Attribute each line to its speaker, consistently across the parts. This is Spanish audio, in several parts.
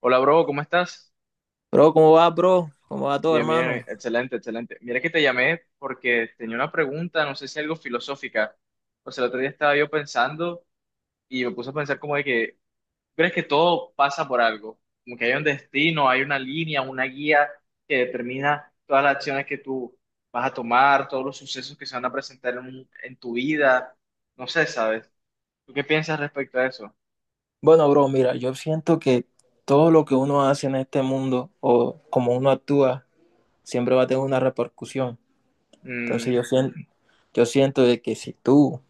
Speaker 1: Hola, bro, ¿cómo estás?
Speaker 2: Bro? ¿Cómo va todo,
Speaker 1: Bien, bien,
Speaker 2: hermano?
Speaker 1: excelente, excelente. Mira que te llamé porque tenía una pregunta, no sé si algo filosófica. Pues el otro día estaba yo pensando y me puse a pensar como de que, ¿crees que todo pasa por algo? Como que hay un destino, hay una línea, una guía que determina todas las acciones que tú vas a tomar, todos los sucesos que se van a presentar en tu vida. No sé, ¿sabes? ¿Tú qué piensas respecto a eso?
Speaker 2: Bueno, bro, mira, yo siento que todo lo que uno hace en este mundo o como uno actúa, siempre va a tener una repercusión. Entonces
Speaker 1: Mm,
Speaker 2: yo siento de que si tú,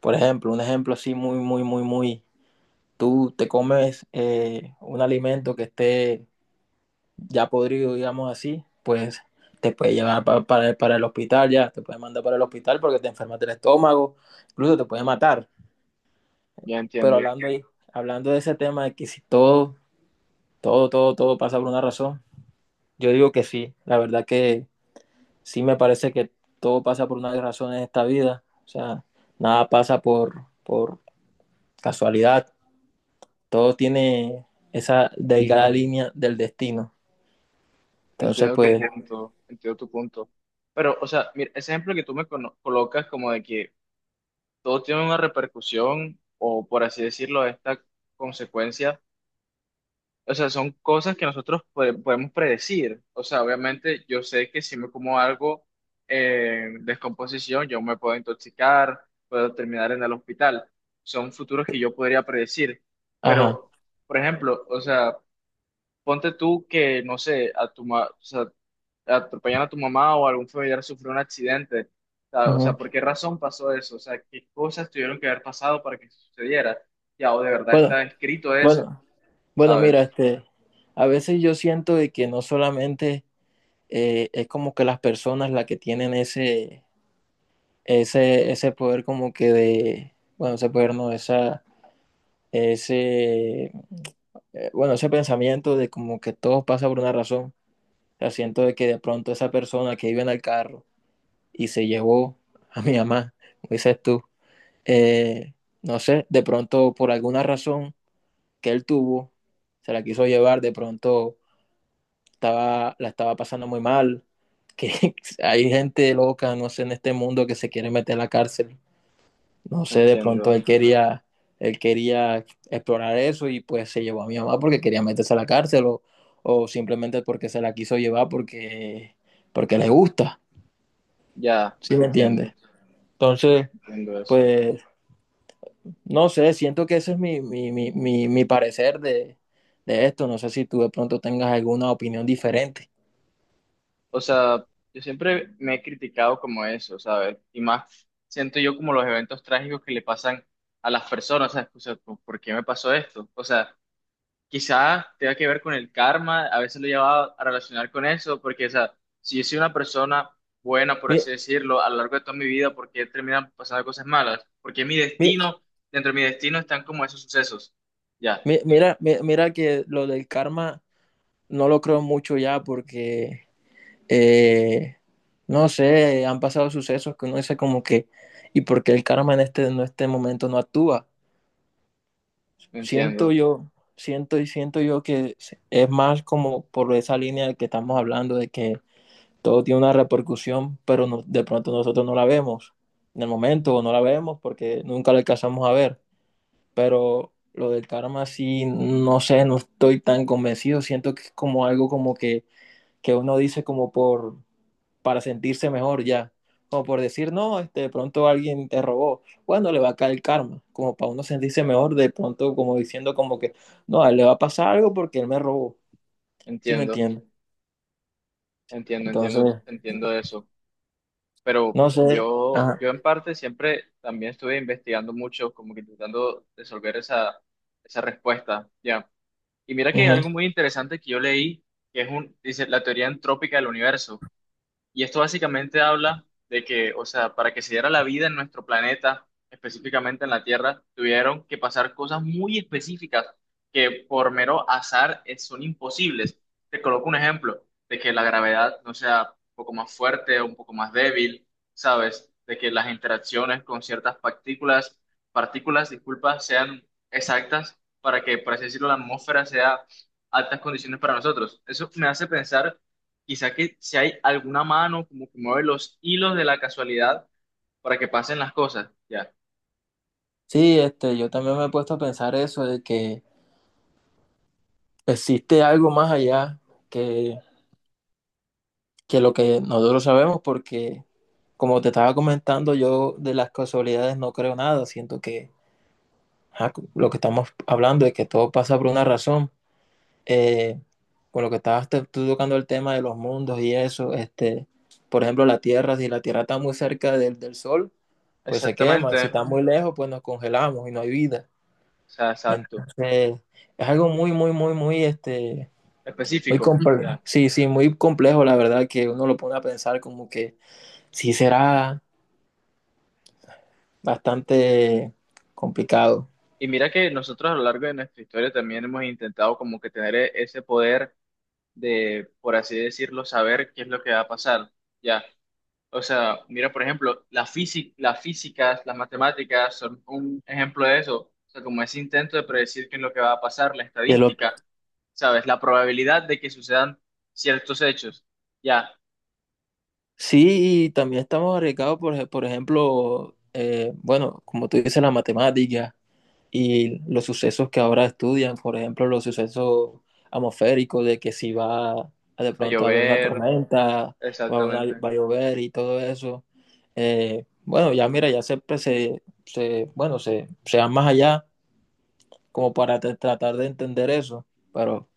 Speaker 2: por ejemplo, un ejemplo así muy, muy, muy, muy, tú te comes un alimento que esté ya podrido, digamos así, pues te puede llevar para el hospital ya, te puede mandar para el hospital porque te enfermas del estómago, incluso te puede matar.
Speaker 1: ya
Speaker 2: Pero
Speaker 1: entiendo.
Speaker 2: hablando ahí, hablando de ese tema de que si todo pasa por una razón, yo digo que sí. La verdad que sí me parece que todo pasa por una razón en esta vida. O sea, nada pasa por casualidad. Todo tiene esa delgada línea del destino. Entonces,
Speaker 1: Entiendo tu
Speaker 2: pues,
Speaker 1: punto, entiendo tu punto. Pero, o sea, mira, ese ejemplo que tú me colocas como de que todo tiene una repercusión o, por así decirlo, esta consecuencia, o sea, son cosas que nosotros podemos predecir. O sea, obviamente yo sé que si me como algo en descomposición, yo me puedo intoxicar, puedo terminar en el hospital. Son futuros que yo podría predecir.
Speaker 2: ajá.
Speaker 1: Pero, por ejemplo, o sea... Ponte tú que, no sé, a tu, o sea, atropellan a tu mamá o algún familiar sufrió un accidente. O sea,
Speaker 2: Ujú.
Speaker 1: ¿por qué razón pasó eso? O sea, ¿qué cosas tuvieron que haber pasado para que sucediera? Ya, o de verdad
Speaker 2: Bueno,
Speaker 1: está escrito eso,
Speaker 2: bueno, bueno, mira,
Speaker 1: ¿sabes?
Speaker 2: este, a veces yo siento de que no solamente es como que las personas las que tienen ese poder como que de, bueno, ese poder no, esa, ese, bueno, ese pensamiento de como que todo pasa por una razón. O sea, siento de que de pronto esa persona que iba en el carro y se llevó a mi mamá, como dices tú, eh, no sé, de pronto por alguna razón que él tuvo, se la quiso llevar, de pronto estaba, la estaba pasando muy mal, que hay gente loca, no sé, en este mundo que se quiere meter a la cárcel. No sé, de pronto
Speaker 1: Entiendo,
Speaker 2: él quería explorar eso y pues se llevó a mi mamá porque quería meterse a la cárcel o simplemente porque se la quiso llevar porque, porque le gusta,
Speaker 1: ya,
Speaker 2: ¿sí me entiendes?
Speaker 1: entiendo,
Speaker 2: Entonces,
Speaker 1: entiendo eso.
Speaker 2: pues, no sé, siento que ese es mi parecer de esto. No sé si tú de pronto tengas alguna opinión diferente.
Speaker 1: O sea, yo siempre me he criticado como eso, ¿sabes? Y más siento yo como los eventos trágicos que le pasan a las personas, ¿sabes? O sea, ¿por qué me pasó esto? O sea, quizás tenga que ver con el karma, a veces lo llevaba a relacionar con eso, porque, o sea, si yo soy una persona buena, por
Speaker 2: Mi-
Speaker 1: así decirlo, a lo largo de toda mi vida, ¿por qué terminan pasando cosas malas? Porque mi
Speaker 2: mi-
Speaker 1: destino, dentro de mi destino están como esos sucesos. Ya,
Speaker 2: Mira, que lo del karma no lo creo mucho ya porque eh, no sé, han pasado sucesos que uno dice como que, ¿y por qué el karma en este momento no actúa? Siento
Speaker 1: entiendo,
Speaker 2: yo, siento yo que es más como por esa línea de que estamos hablando, de que todo tiene una repercusión, pero no, de pronto nosotros no la vemos en el momento o no la vemos porque nunca la alcanzamos a ver, pero lo del karma sí, no sé, no estoy tan convencido, siento que es como algo como que uno dice como por, para sentirse mejor ya. Como por decir, no, este, de pronto alguien te robó. Bueno, le va a caer el karma. Como para uno sentirse mejor, de pronto como diciendo como que, no, a él le va a pasar algo porque él me robó. ¿Sí me
Speaker 1: entiendo,
Speaker 2: entiendes?
Speaker 1: entiendo, entiendo,
Speaker 2: Entonces,
Speaker 1: entiendo eso. Pero
Speaker 2: no sé.
Speaker 1: yo,
Speaker 2: Ajá.
Speaker 1: yo en parte siempre también estuve investigando mucho, como que intentando resolver esa, esa respuesta, ya. Y mira que
Speaker 2: Ujú.
Speaker 1: algo muy interesante que yo leí, que es dice, la teoría entrópica del universo. Y esto básicamente habla de que, o sea, para que se diera la vida en nuestro planeta, específicamente en la Tierra, tuvieron que pasar cosas muy específicas que por mero azar son imposibles. Te coloco un ejemplo de que la gravedad no sea un poco más fuerte o un poco más débil, ¿sabes? De que las interacciones con ciertas partículas, partículas, disculpa, sean exactas para que, por así decirlo, la atmósfera sea altas condiciones para nosotros. Eso me hace pensar. Quizá que si hay alguna mano como que mueve los hilos de la casualidad para que pasen las cosas, ya.
Speaker 2: Sí, este, yo también me he puesto a pensar eso, de que existe algo más allá que, que lo que nosotros sabemos, porque como te estaba comentando, yo de las casualidades no creo nada, siento que ajá, lo que estamos hablando es que todo pasa por una razón. Eh, con lo que tú tocando el tema de los mundos y eso, este, por ejemplo, la Tierra, si la Tierra está muy cerca del Sol, pues se quema,
Speaker 1: Exactamente,
Speaker 2: si está
Speaker 1: o
Speaker 2: muy lejos, pues nos congelamos y no hay vida.
Speaker 1: sea, exacto,
Speaker 2: Entonces, es algo muy, muy, muy, muy, este, muy
Speaker 1: específico,
Speaker 2: complejo.
Speaker 1: ya.
Speaker 2: Sí, sí, muy complejo, la verdad, que uno lo pone a pensar como que sí será bastante complicado.
Speaker 1: Y mira que nosotros a lo largo de nuestra historia también hemos intentado como que tener ese poder de, por así decirlo, saber qué es lo que va a pasar, ya. O sea, mira, por ejemplo, la física, las físicas, las matemáticas son un ejemplo de eso. O sea, como ese intento de predecir qué es lo que va a pasar, la
Speaker 2: De lo
Speaker 1: estadística, ¿sabes? La probabilidad de que sucedan ciertos hechos. Ya,
Speaker 2: Sí, y también estamos arriesgados, por ejemplo, bueno, como tú dices, la matemática y los sucesos que ahora estudian, por ejemplo, los sucesos atmosféricos de que si va a, de
Speaker 1: a
Speaker 2: pronto a haber una
Speaker 1: llover,
Speaker 2: tormenta o a haber
Speaker 1: exactamente.
Speaker 2: va a llover y todo eso. Bueno, ya mira, ya siempre bueno, se va más allá como para tratar de entender eso, pero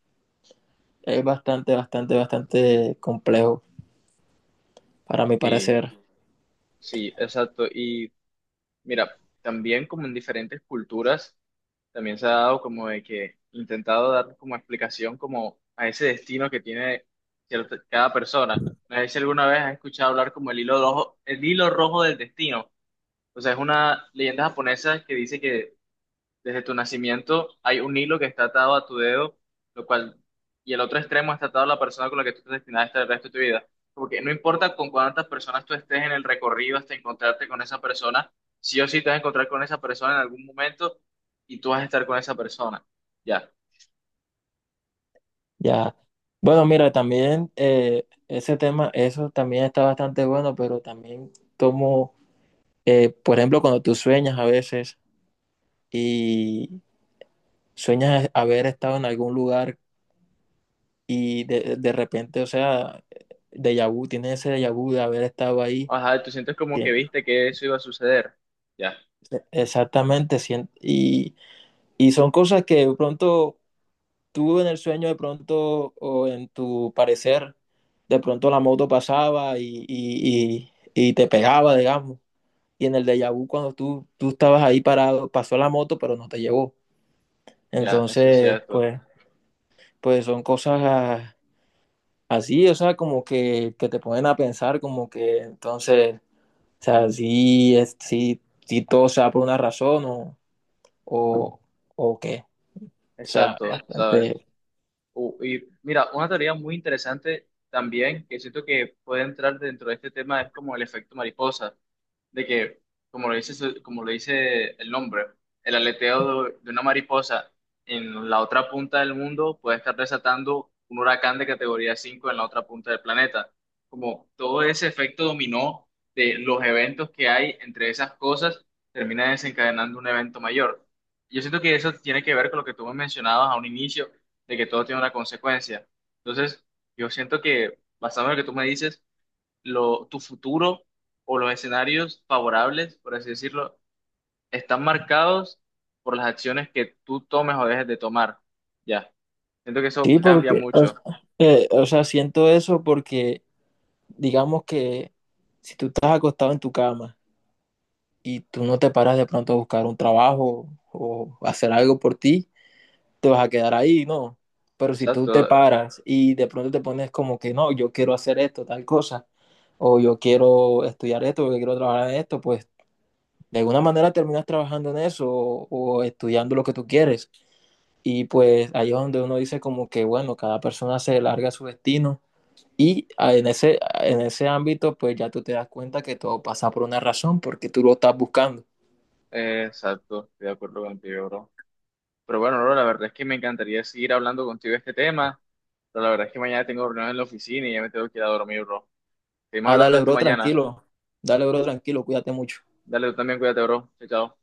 Speaker 2: es bastante, bastante, bastante complejo para mi
Speaker 1: Sí,
Speaker 2: parecer.
Speaker 1: sí, exacto. Y mira, también como en diferentes culturas. También se ha dado como de que intentado dar como explicación como a ese destino que tiene cierta, cada persona. No sé si alguna vez has escuchado hablar como el hilo rojo del destino. O sea, es una leyenda japonesa que dice que desde tu nacimiento hay un hilo que está atado a tu dedo, lo cual, y el otro extremo está atado a la persona con la que tú estás destinada a estar el resto de tu vida. Porque no importa con cuántas personas tú estés en el recorrido hasta encontrarte con esa persona, sí o sí te vas a encontrar con esa persona en algún momento y tú vas a estar con esa persona. Ya.
Speaker 2: Ya. Bueno, mira, también ese tema, eso también está bastante bueno, pero también como, por ejemplo, cuando tú sueñas a veces y sueñas haber estado en algún lugar y de repente, o sea, déjà vu, tienes ese déjà vu de haber estado ahí.
Speaker 1: Ajá, tú sientes como que
Speaker 2: Sí,
Speaker 1: viste que eso iba a suceder. Ya,
Speaker 2: exactamente, y son cosas que de pronto tú en el sueño de pronto o en tu parecer, de pronto la moto pasaba y, y te pegaba, digamos. Y en el déjà vu, cuando tú estabas ahí parado, pasó la moto, pero no te llevó.
Speaker 1: ya, eso es
Speaker 2: Entonces,
Speaker 1: cierto.
Speaker 2: pues, pues son cosas ah, así, o sea, como que te ponen a pensar, como que entonces, o sea, sí es, sí sí todo se da por una razón o, o qué. O sea,
Speaker 1: Exacto, ¿sabes?
Speaker 2: bastante,
Speaker 1: Y mira, una teoría muy interesante también que siento que puede entrar dentro de este tema es como el efecto mariposa de que, como lo dice, como lo dice el nombre, el aleteo de una mariposa en la otra punta del mundo puede estar desatando un huracán de categoría 5 en la otra punta del planeta. Como todo ese efecto dominó de los eventos que hay entre esas cosas, termina desencadenando un evento mayor. Yo siento que eso tiene que ver con lo que tú me mencionabas a un inicio, de que todo tiene una consecuencia. Entonces, yo siento que, basado en lo que tú me dices, lo, tu futuro o los escenarios favorables, por así decirlo, están marcados por las acciones que tú tomes o dejes de tomar. Ya, siento que eso
Speaker 2: sí,
Speaker 1: cambia
Speaker 2: porque,
Speaker 1: mucho.
Speaker 2: o sea, siento eso porque, digamos que si tú estás acostado en tu cama y tú no te paras de pronto a buscar un trabajo o hacer algo por ti, te vas a quedar ahí, ¿no? Pero si tú
Speaker 1: Exacto,
Speaker 2: te paras y de pronto te pones como que, no, yo quiero hacer esto, tal cosa, o yo quiero estudiar esto, porque quiero trabajar en esto, pues de alguna manera terminas trabajando en eso o estudiando lo que tú quieres. Y pues ahí es donde uno dice como que, bueno, cada persona se larga su destino. Y ah, en ese ámbito, pues ya tú te das cuenta que todo pasa por una razón, porque tú lo estás buscando.
Speaker 1: exacto, estoy de acuerdo contigo, bro. Pero bueno, bro, la verdad es que me encantaría seguir hablando contigo de este tema, pero la verdad es que mañana tengo reunión en la oficina y ya me tengo que ir a dormir, bro. Seguimos
Speaker 2: Ah,
Speaker 1: hablando
Speaker 2: dale,
Speaker 1: de esto
Speaker 2: bro,
Speaker 1: mañana.
Speaker 2: tranquilo. Dale, bro, tranquilo, cuídate mucho.
Speaker 1: Dale, tú también cuídate, bro. Chao, chao.